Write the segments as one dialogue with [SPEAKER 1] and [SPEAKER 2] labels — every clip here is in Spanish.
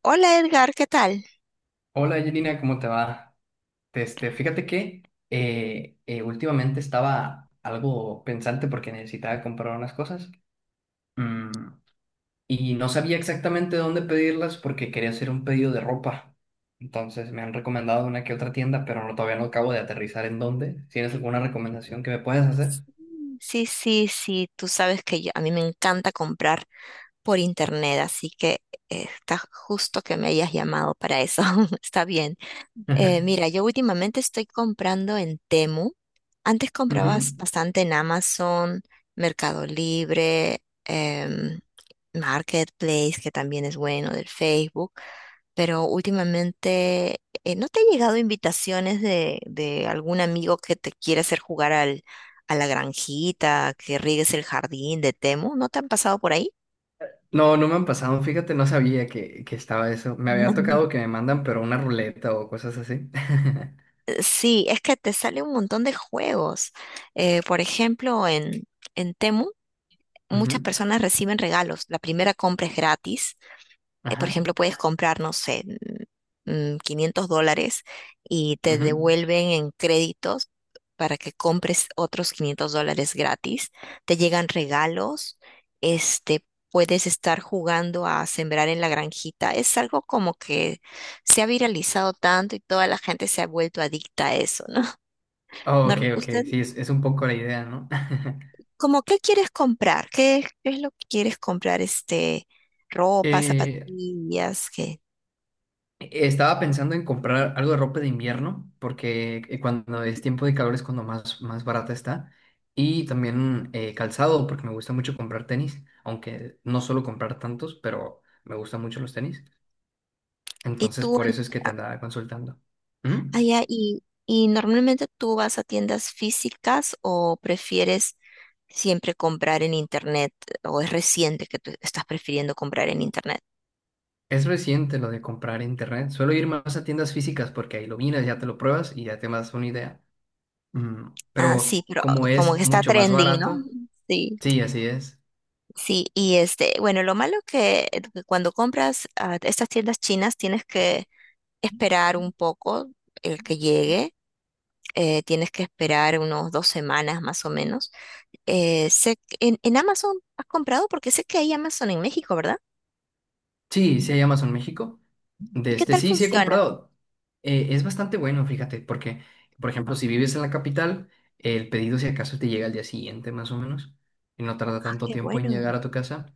[SPEAKER 1] Hola Edgar, ¿qué tal?
[SPEAKER 2] Hola Angelina, ¿cómo te va? Este, fíjate que últimamente estaba algo pensante porque necesitaba comprar unas cosas mm, y no sabía exactamente dónde pedirlas porque quería hacer un pedido de ropa. Entonces me han recomendado una que otra tienda, pero no, todavía no acabo de aterrizar en dónde. ¿Tienes alguna recomendación que me puedas hacer?
[SPEAKER 1] Sí, sí, sí, tú sabes que yo, a mí me encanta comprar por internet, así que está justo que me hayas llamado para eso. Está bien. Mira, yo últimamente estoy comprando en Temu. Antes
[SPEAKER 2] Ujú.
[SPEAKER 1] comprabas bastante en Amazon, Mercado Libre, Marketplace, que también es bueno, del Facebook. Pero últimamente, ¿no te han llegado invitaciones de algún amigo que te quiere hacer jugar al, a la granjita, que riegues el jardín de Temu? ¿No te han pasado por ahí?
[SPEAKER 2] No, no me han pasado, fíjate, no sabía que estaba eso. Me había tocado que me mandan, pero una ruleta o cosas así.
[SPEAKER 1] Sí, es que te sale un montón de juegos. Por ejemplo, en Temu, muchas
[SPEAKER 2] Ujú.
[SPEAKER 1] personas reciben regalos. La primera compra es gratis. Por
[SPEAKER 2] Ajá.
[SPEAKER 1] ejemplo, puedes comprar, no sé, $500 y te
[SPEAKER 2] Ujú.
[SPEAKER 1] devuelven en créditos para que compres otros $500 gratis. Te llegan regalos. Este, Puedes estar jugando a sembrar en la granjita. Es algo como que se ha viralizado tanto y toda la gente se ha vuelto adicta a eso, ¿no?
[SPEAKER 2] Oh, ok, ok,
[SPEAKER 1] ¿Usted,
[SPEAKER 2] sí, es un poco la idea, ¿no?
[SPEAKER 1] como qué quieres comprar? Qué es lo que quieres comprar? Ropa,
[SPEAKER 2] Eh,
[SPEAKER 1] zapatillas, ¿qué?
[SPEAKER 2] Estaba pensando en comprar algo de ropa de invierno, porque cuando es tiempo de calor es cuando más barata está, y también calzado, porque me gusta mucho comprar tenis, aunque no suelo comprar tantos, pero me gustan mucho los tenis,
[SPEAKER 1] ¿Y
[SPEAKER 2] entonces
[SPEAKER 1] tú,
[SPEAKER 2] por eso es que te
[SPEAKER 1] Andrea?
[SPEAKER 2] andaba consultando. ¿Mm?
[SPEAKER 1] Allá, y normalmente tú vas a tiendas físicas o prefieres siempre comprar en internet o ¿es reciente que tú estás prefiriendo comprar en internet?
[SPEAKER 2] Es reciente lo de comprar en internet, suelo ir más a tiendas físicas porque ahí lo miras, ya te lo pruebas y ya te das una idea.
[SPEAKER 1] Ah, sí,
[SPEAKER 2] Pero
[SPEAKER 1] pero
[SPEAKER 2] como
[SPEAKER 1] como que
[SPEAKER 2] es
[SPEAKER 1] está
[SPEAKER 2] mucho más
[SPEAKER 1] trending, ¿no?
[SPEAKER 2] barato,
[SPEAKER 1] Sí.
[SPEAKER 2] sí, así es.
[SPEAKER 1] Sí, y este, bueno, lo malo que cuando compras a estas tiendas chinas tienes que esperar un poco el que llegue. Tienes que esperar unos 2 semanas más o menos. En Amazon has comprado porque sé que hay Amazon en México, ¿verdad?
[SPEAKER 2] Sí, sí hay Amazon México.
[SPEAKER 1] ¿Y
[SPEAKER 2] De
[SPEAKER 1] qué
[SPEAKER 2] este,
[SPEAKER 1] tal
[SPEAKER 2] sí, sí he
[SPEAKER 1] funciona?
[SPEAKER 2] comprado. Es bastante bueno, fíjate, porque, por ejemplo, si vives en la capital, el pedido si acaso te llega al día siguiente, más o menos, y no tarda
[SPEAKER 1] Ah,
[SPEAKER 2] tanto
[SPEAKER 1] qué
[SPEAKER 2] tiempo en
[SPEAKER 1] bueno.
[SPEAKER 2] llegar a tu casa.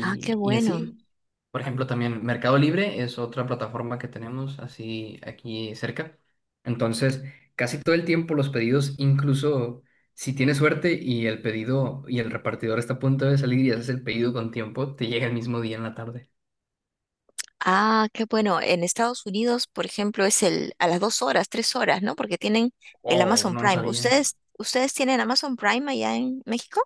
[SPEAKER 1] Ah, qué
[SPEAKER 2] y
[SPEAKER 1] bueno.
[SPEAKER 2] así, por ejemplo, también Mercado Libre es otra plataforma que tenemos así aquí cerca. Entonces, casi todo el tiempo los pedidos, incluso si tienes suerte y el pedido y el repartidor está a punto de salir y haces el pedido con tiempo, te llega el mismo día en la tarde.
[SPEAKER 1] Ah, qué bueno. En Estados Unidos, por ejemplo, es el a las dos horas, tres horas, ¿no? Porque tienen el
[SPEAKER 2] Wow,
[SPEAKER 1] Amazon
[SPEAKER 2] no lo
[SPEAKER 1] Prime.
[SPEAKER 2] sabía.
[SPEAKER 1] Ustedes tienen Amazon Prime allá en México?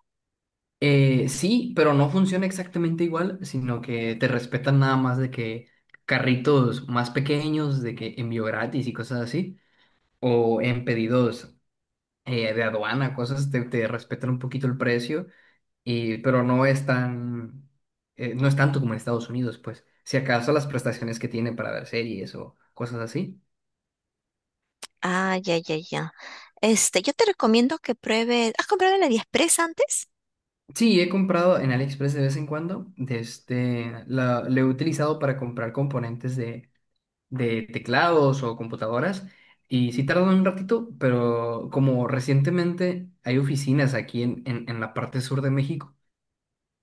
[SPEAKER 2] Sí, pero no funciona exactamente igual, sino que te respetan nada más de que carritos más pequeños, de que envío gratis y cosas así, o en pedidos de aduana, cosas, te respetan un poquito el precio, pero no es tan, no es tanto como en Estados Unidos, pues, si acaso las prestaciones que tiene para ver series o cosas así.
[SPEAKER 1] Ah, ya, ya, ya. Yo te recomiendo que pruebes. ¿Has comprado en AliExpress antes?
[SPEAKER 2] Sí, he comprado en AliExpress de vez en cuando, lo he utilizado para comprar componentes de teclados o computadoras, y sí tardan un ratito, pero como recientemente hay oficinas aquí en la parte sur de México,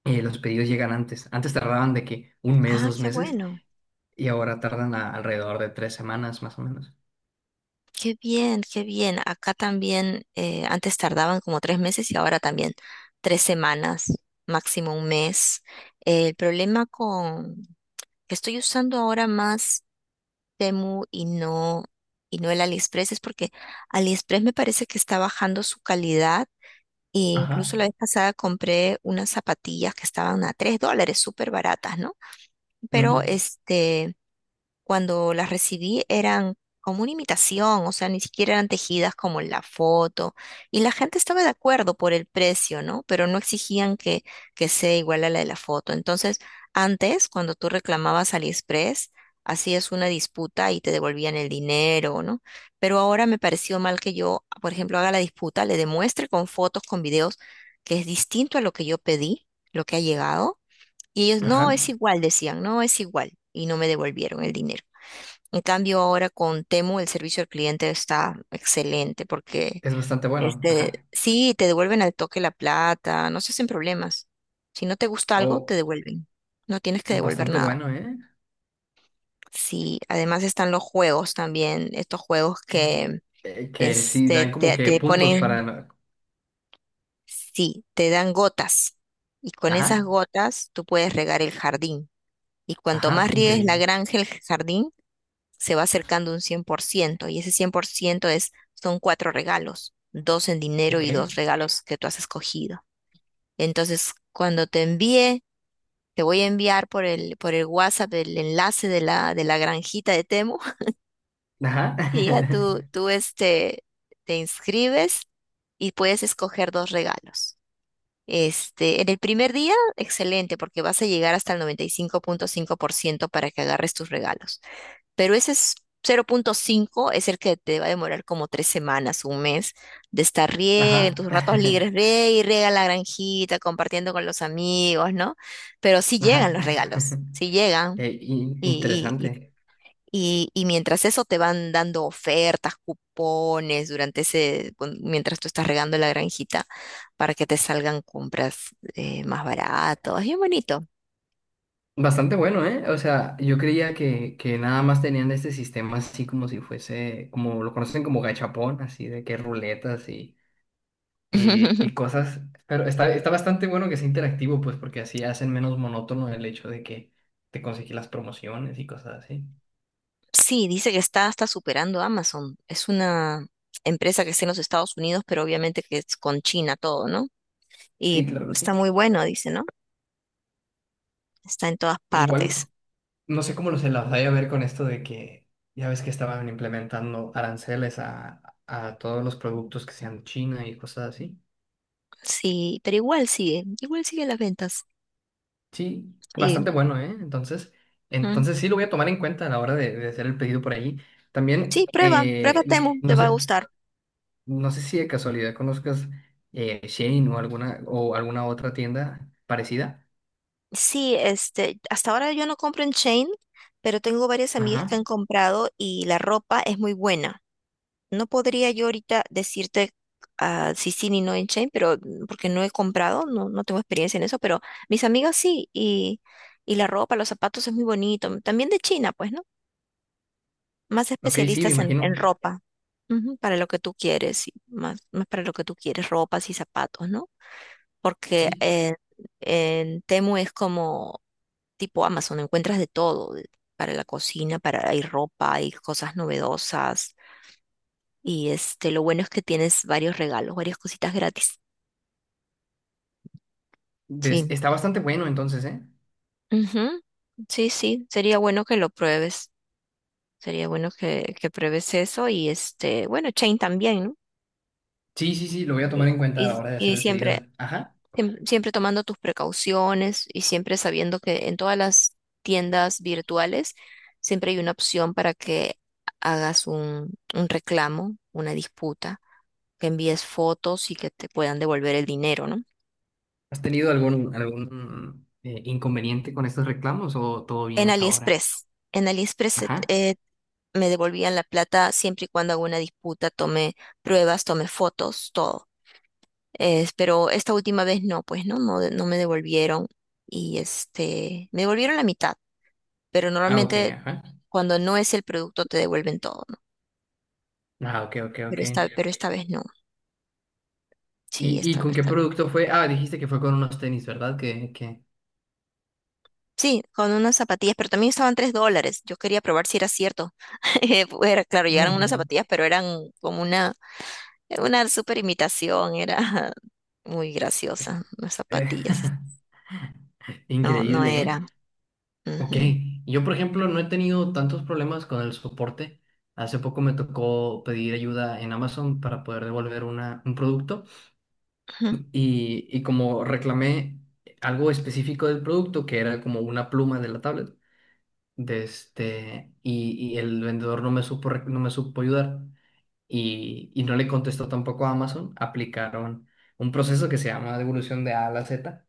[SPEAKER 2] los pedidos llegan antes. Antes tardaban de que un mes,
[SPEAKER 1] Ah,
[SPEAKER 2] dos
[SPEAKER 1] qué
[SPEAKER 2] meses,
[SPEAKER 1] bueno.
[SPEAKER 2] y ahora tardan alrededor de 3 semanas más o menos.
[SPEAKER 1] Qué bien, qué bien. Acá también antes tardaban como 3 meses y ahora también 3 semanas, máximo un mes. El problema con que estoy usando ahora más Temu y no el AliExpress es porque AliExpress me parece que está bajando su calidad. E
[SPEAKER 2] Ajá.
[SPEAKER 1] incluso la vez pasada compré unas zapatillas que estaban a $3, súper baratas, ¿no? Pero
[SPEAKER 2] Ujú.
[SPEAKER 1] este cuando las recibí eran como una imitación, o sea, ni siquiera eran tejidas como en la foto. Y la gente estaba de acuerdo por el precio, ¿no? Pero no exigían que sea igual a la de la foto. Entonces, antes, cuando tú reclamabas AliExpress, hacías una disputa y te devolvían el dinero, ¿no? Pero ahora me pareció mal que yo, por ejemplo, haga la disputa, le demuestre con fotos, con videos, que es distinto a lo que yo pedí, lo que ha llegado. Y ellos,
[SPEAKER 2] Ajá,
[SPEAKER 1] no, es igual, decían, no, es igual. Y no me devolvieron el dinero. En cambio, ahora con Temu el servicio al cliente está excelente porque
[SPEAKER 2] es bastante bueno,
[SPEAKER 1] este
[SPEAKER 2] ajá.
[SPEAKER 1] sí te devuelven al toque la plata, no se hacen problemas. Si no te gusta algo, te
[SPEAKER 2] O
[SPEAKER 1] devuelven. No tienes que devolver
[SPEAKER 2] bastante
[SPEAKER 1] nada.
[SPEAKER 2] bueno, ¿eh?
[SPEAKER 1] Sí, además están los juegos también, estos juegos
[SPEAKER 2] Mm.
[SPEAKER 1] que
[SPEAKER 2] Que sí, dan
[SPEAKER 1] este
[SPEAKER 2] como que
[SPEAKER 1] te
[SPEAKER 2] puntos
[SPEAKER 1] ponen,
[SPEAKER 2] para...
[SPEAKER 1] sí, te dan gotas y con esas
[SPEAKER 2] Ajá,
[SPEAKER 1] gotas tú puedes regar el jardín. Y cuanto
[SPEAKER 2] ajá,
[SPEAKER 1] más riegues la
[SPEAKER 2] increíble.
[SPEAKER 1] granja, el jardín, se va acercando un 100% y ese 100% es, son cuatro regalos, dos en dinero
[SPEAKER 2] Ok.
[SPEAKER 1] y dos regalos que tú has escogido. Entonces, cuando te envíe, te voy a enviar por por el WhatsApp el enlace de de la granjita de Temu
[SPEAKER 2] Ajá,
[SPEAKER 1] y ya tú este, te inscribes y puedes escoger dos regalos. Este, en el primer día, excelente, porque vas a llegar hasta el 95,5% para que agarres tus regalos. Pero ese es 0.5 es el que te va a demorar como 3 semanas, un mes, de estar riega en
[SPEAKER 2] ajá,
[SPEAKER 1] tus ratos libres, riega y riega la granjita, compartiendo con los amigos, ¿no? Pero sí llegan
[SPEAKER 2] ajá.
[SPEAKER 1] los regalos, sí llegan. Y, y,
[SPEAKER 2] Interesante.
[SPEAKER 1] y mientras eso te van dando ofertas, cupones, durante ese, mientras tú estás regando la granjita, para que te salgan compras más baratas. Bien bonito.
[SPEAKER 2] Bastante bueno, ¿eh? O sea, yo creía que nada más tenían este sistema así como si fuese, como lo conocen como gachapón, así de que ruletas y cosas, pero está bastante bueno que sea interactivo, pues porque así hacen menos monótono el hecho de que te conseguí las promociones y cosas así.
[SPEAKER 1] Sí, dice que está hasta superando a Amazon. Es una empresa que está en los Estados Unidos, pero obviamente que es con China todo, ¿no? Y
[SPEAKER 2] Sí, claro que
[SPEAKER 1] está
[SPEAKER 2] sí.
[SPEAKER 1] muy bueno, dice, ¿no? Está en todas partes.
[SPEAKER 2] Igual, no sé cómo lo se las vaya a ver con esto de que ya ves que estaban implementando aranceles a todos los productos que sean de China y cosas así.
[SPEAKER 1] Sí, pero igual sigue las ventas.
[SPEAKER 2] Sí, bastante
[SPEAKER 1] Sí,
[SPEAKER 2] bueno, ¿eh? Entonces,
[SPEAKER 1] mm.
[SPEAKER 2] sí lo voy a tomar en cuenta a la hora de hacer el pedido por ahí.
[SPEAKER 1] Sí,
[SPEAKER 2] También,
[SPEAKER 1] prueba, prueba Temu, te va a gustar.
[SPEAKER 2] No sé si de casualidad conozcas Shein o o alguna otra tienda parecida.
[SPEAKER 1] Sí, este, hasta ahora yo no compro en Chain, pero tengo varias amigas que
[SPEAKER 2] Ajá.
[SPEAKER 1] han comprado y la ropa es muy buena. No podría yo ahorita decirte ah, si sí ni no en Chain, pero mm, porque no he comprado, no, no tengo experiencia en eso, pero mis amigas sí, y la ropa, los zapatos es muy bonito. También de China, pues, ¿no? Más
[SPEAKER 2] Ok, sí, me
[SPEAKER 1] especialistas en
[SPEAKER 2] imagino.
[SPEAKER 1] ropa, ujú, para lo que tú quieres, y más, más para lo que tú quieres, ropas y zapatos, ¿no? Porque
[SPEAKER 2] Sí.
[SPEAKER 1] en, en Temu es como tipo Amazon, encuentras de todo, para la cocina, para, hay ropa, hay cosas novedosas y este, lo bueno es que tienes varios regalos, varias cositas gratis. Sí.
[SPEAKER 2] Está bastante bueno entonces, ¿eh?
[SPEAKER 1] Ujú. Sí, sí, sería bueno que lo pruebes. Sería bueno que pruebes eso y este, bueno, Chain también, ¿no?
[SPEAKER 2] Sí, sí, sí, lo voy a tomar en
[SPEAKER 1] Y,
[SPEAKER 2] cuenta a la
[SPEAKER 1] y-
[SPEAKER 2] hora de hacer
[SPEAKER 1] y
[SPEAKER 2] el pedido.
[SPEAKER 1] siempre,
[SPEAKER 2] Ajá.
[SPEAKER 1] siempre tomando tus precauciones y siempre sabiendo que en todas las tiendas virtuales siempre hay una opción para que hagas un reclamo, una disputa, que envíes fotos y que te puedan devolver el dinero, ¿no?
[SPEAKER 2] ¿Has tenido algún, inconveniente con estos reclamos o todo bien
[SPEAKER 1] En
[SPEAKER 2] hasta ahora?
[SPEAKER 1] AliExpress. En AliExpress
[SPEAKER 2] Ajá.
[SPEAKER 1] me devolvían la plata siempre y cuando hago una disputa, tomé pruebas, tomé fotos, todo. Pero esta última vez no, pues no, no, no me devolvieron y este, me devolvieron la mitad, pero
[SPEAKER 2] Ah, ok,
[SPEAKER 1] normalmente
[SPEAKER 2] ajá.
[SPEAKER 1] cuando no es el producto te devuelven todo, ¿no?
[SPEAKER 2] Ah, ok, ok, ok.
[SPEAKER 1] Pero esta vez no. Sí,
[SPEAKER 2] ¿Y
[SPEAKER 1] esta,
[SPEAKER 2] con qué
[SPEAKER 1] esta vez.
[SPEAKER 2] producto fue? Ah, dijiste que fue con unos tenis, ¿verdad? Que...
[SPEAKER 1] Sí, con unas zapatillas, pero también estaban $3. Yo quería probar si era cierto. Era, claro, llegaron unas zapatillas, pero eran como una super imitación, era muy graciosa. Las
[SPEAKER 2] Eh,
[SPEAKER 1] zapatillas no, no
[SPEAKER 2] Increíble, ¿eh?
[SPEAKER 1] eran.
[SPEAKER 2] Ok,
[SPEAKER 1] Ujú,
[SPEAKER 2] yo por ejemplo no he tenido tantos problemas con el soporte. Hace poco me tocó pedir ayuda en Amazon para poder devolver un producto
[SPEAKER 1] ujú.
[SPEAKER 2] y como reclamé algo específico del producto que era como una pluma de la tablet de este, y el vendedor no me supo ayudar y no le contestó tampoco a Amazon, aplicaron un proceso que se llama devolución de A a la Z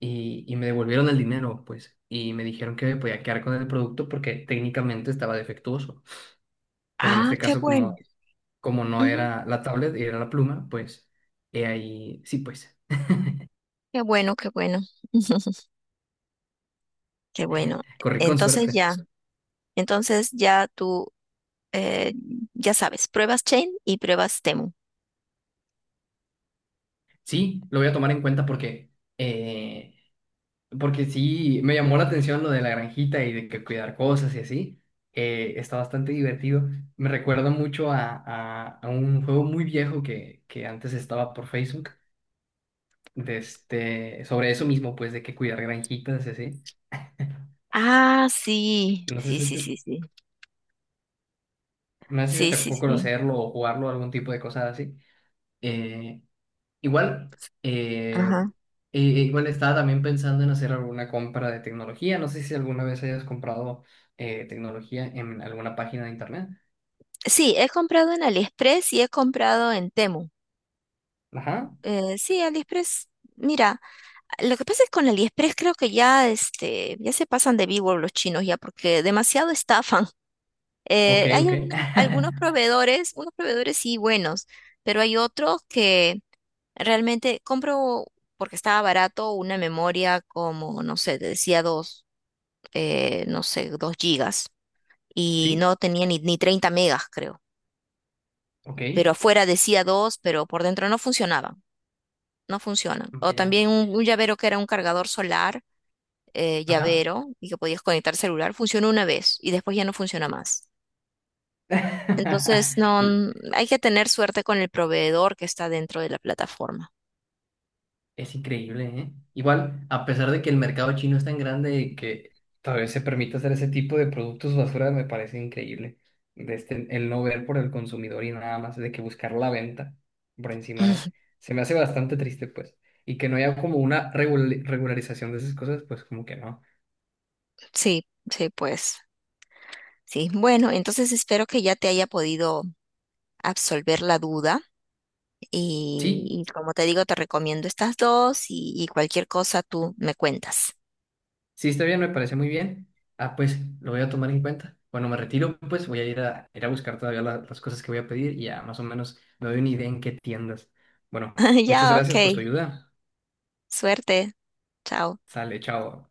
[SPEAKER 2] y me devolvieron el dinero, pues, y me dijeron que me podía quedar con el producto porque técnicamente estaba defectuoso. Pero en
[SPEAKER 1] Ah,
[SPEAKER 2] este
[SPEAKER 1] qué
[SPEAKER 2] caso,
[SPEAKER 1] bueno.
[SPEAKER 2] como no
[SPEAKER 1] Ujú,
[SPEAKER 2] era la tablet, era la pluma, pues, he ahí, sí, pues,
[SPEAKER 1] qué bueno, qué bueno. Qué bueno.
[SPEAKER 2] corrí con
[SPEAKER 1] Entonces
[SPEAKER 2] suerte.
[SPEAKER 1] ya, entonces ya tú, eh, ya sabes, pruebas Chain y pruebas Temu.
[SPEAKER 2] Sí, lo voy a tomar en cuenta eh, porque sí, me llamó la atención lo de la granjita y de que cuidar cosas y así. Está bastante divertido. Me recuerda mucho a un juego muy viejo que antes estaba por Facebook de este, sobre eso mismo, pues, de que cuidar granjitas y así.
[SPEAKER 1] Ah, sí,
[SPEAKER 2] No sé
[SPEAKER 1] sí,
[SPEAKER 2] si
[SPEAKER 1] sí,
[SPEAKER 2] te,
[SPEAKER 1] sí, sí.
[SPEAKER 2] no sé si
[SPEAKER 1] Sí,
[SPEAKER 2] te
[SPEAKER 1] sí,
[SPEAKER 2] tocó
[SPEAKER 1] sí.
[SPEAKER 2] conocerlo o jugarlo, algún tipo de cosas así. Eh, igual, eh,
[SPEAKER 1] Ajá.
[SPEAKER 2] Igual estaba también pensando en hacer alguna compra de tecnología. No sé si alguna vez hayas comprado tecnología en alguna página de internet.
[SPEAKER 1] Sí, he comprado en AliExpress y he comprado en Temu.
[SPEAKER 2] Ajá,
[SPEAKER 1] Sí, AliExpress, mira. Lo que pasa es con AliExpress creo que ya, este, ya se pasan de vivo los chinos ya porque demasiado estafan.
[SPEAKER 2] ok,
[SPEAKER 1] Hay
[SPEAKER 2] ok.
[SPEAKER 1] algunos, algunos proveedores, unos proveedores sí buenos, pero hay otros que realmente compro porque estaba barato una memoria como, no sé, te decía dos, no sé, 2 GB y
[SPEAKER 2] Sí,
[SPEAKER 1] no tenía ni 30 MB creo.
[SPEAKER 2] ok,
[SPEAKER 1] Pero afuera decía dos, pero por dentro no funcionaba, no funciona. O
[SPEAKER 2] vaya,
[SPEAKER 1] también un llavero que era un cargador solar
[SPEAKER 2] ajá.
[SPEAKER 1] llavero y que podías conectar celular, funcionó una vez y después ya no funciona más. Entonces, no,
[SPEAKER 2] Y,
[SPEAKER 1] hay que tener suerte con el proveedor que está dentro de la plataforma.
[SPEAKER 2] Es increíble, ¿eh? Igual, a pesar de que el mercado chino es tan grande y que tal vez se permita hacer ese tipo de productos basura, me parece increíble. De este, el no ver por el consumidor y nada más de que buscar la venta por encima de... Se me hace bastante triste, pues. Y que no haya como una regularización de esas cosas, pues como que no.
[SPEAKER 1] Sí, sí, pues. Sí, bueno, entonces espero que ya te haya podido absolver la duda
[SPEAKER 2] Sí,
[SPEAKER 1] y como te digo, te recomiendo estas dos y cualquier cosa tú me cuentas.
[SPEAKER 2] sí, está bien, me parece muy bien. Ah, pues lo voy a tomar en cuenta. Bueno, me retiro, pues voy a ir a buscar todavía las cosas que voy a pedir y ya más o menos me doy una idea en qué tiendas. Bueno, muchas
[SPEAKER 1] Ya, ok.
[SPEAKER 2] gracias por tu ayuda.
[SPEAKER 1] Suerte. Chao.
[SPEAKER 2] Sale, chao.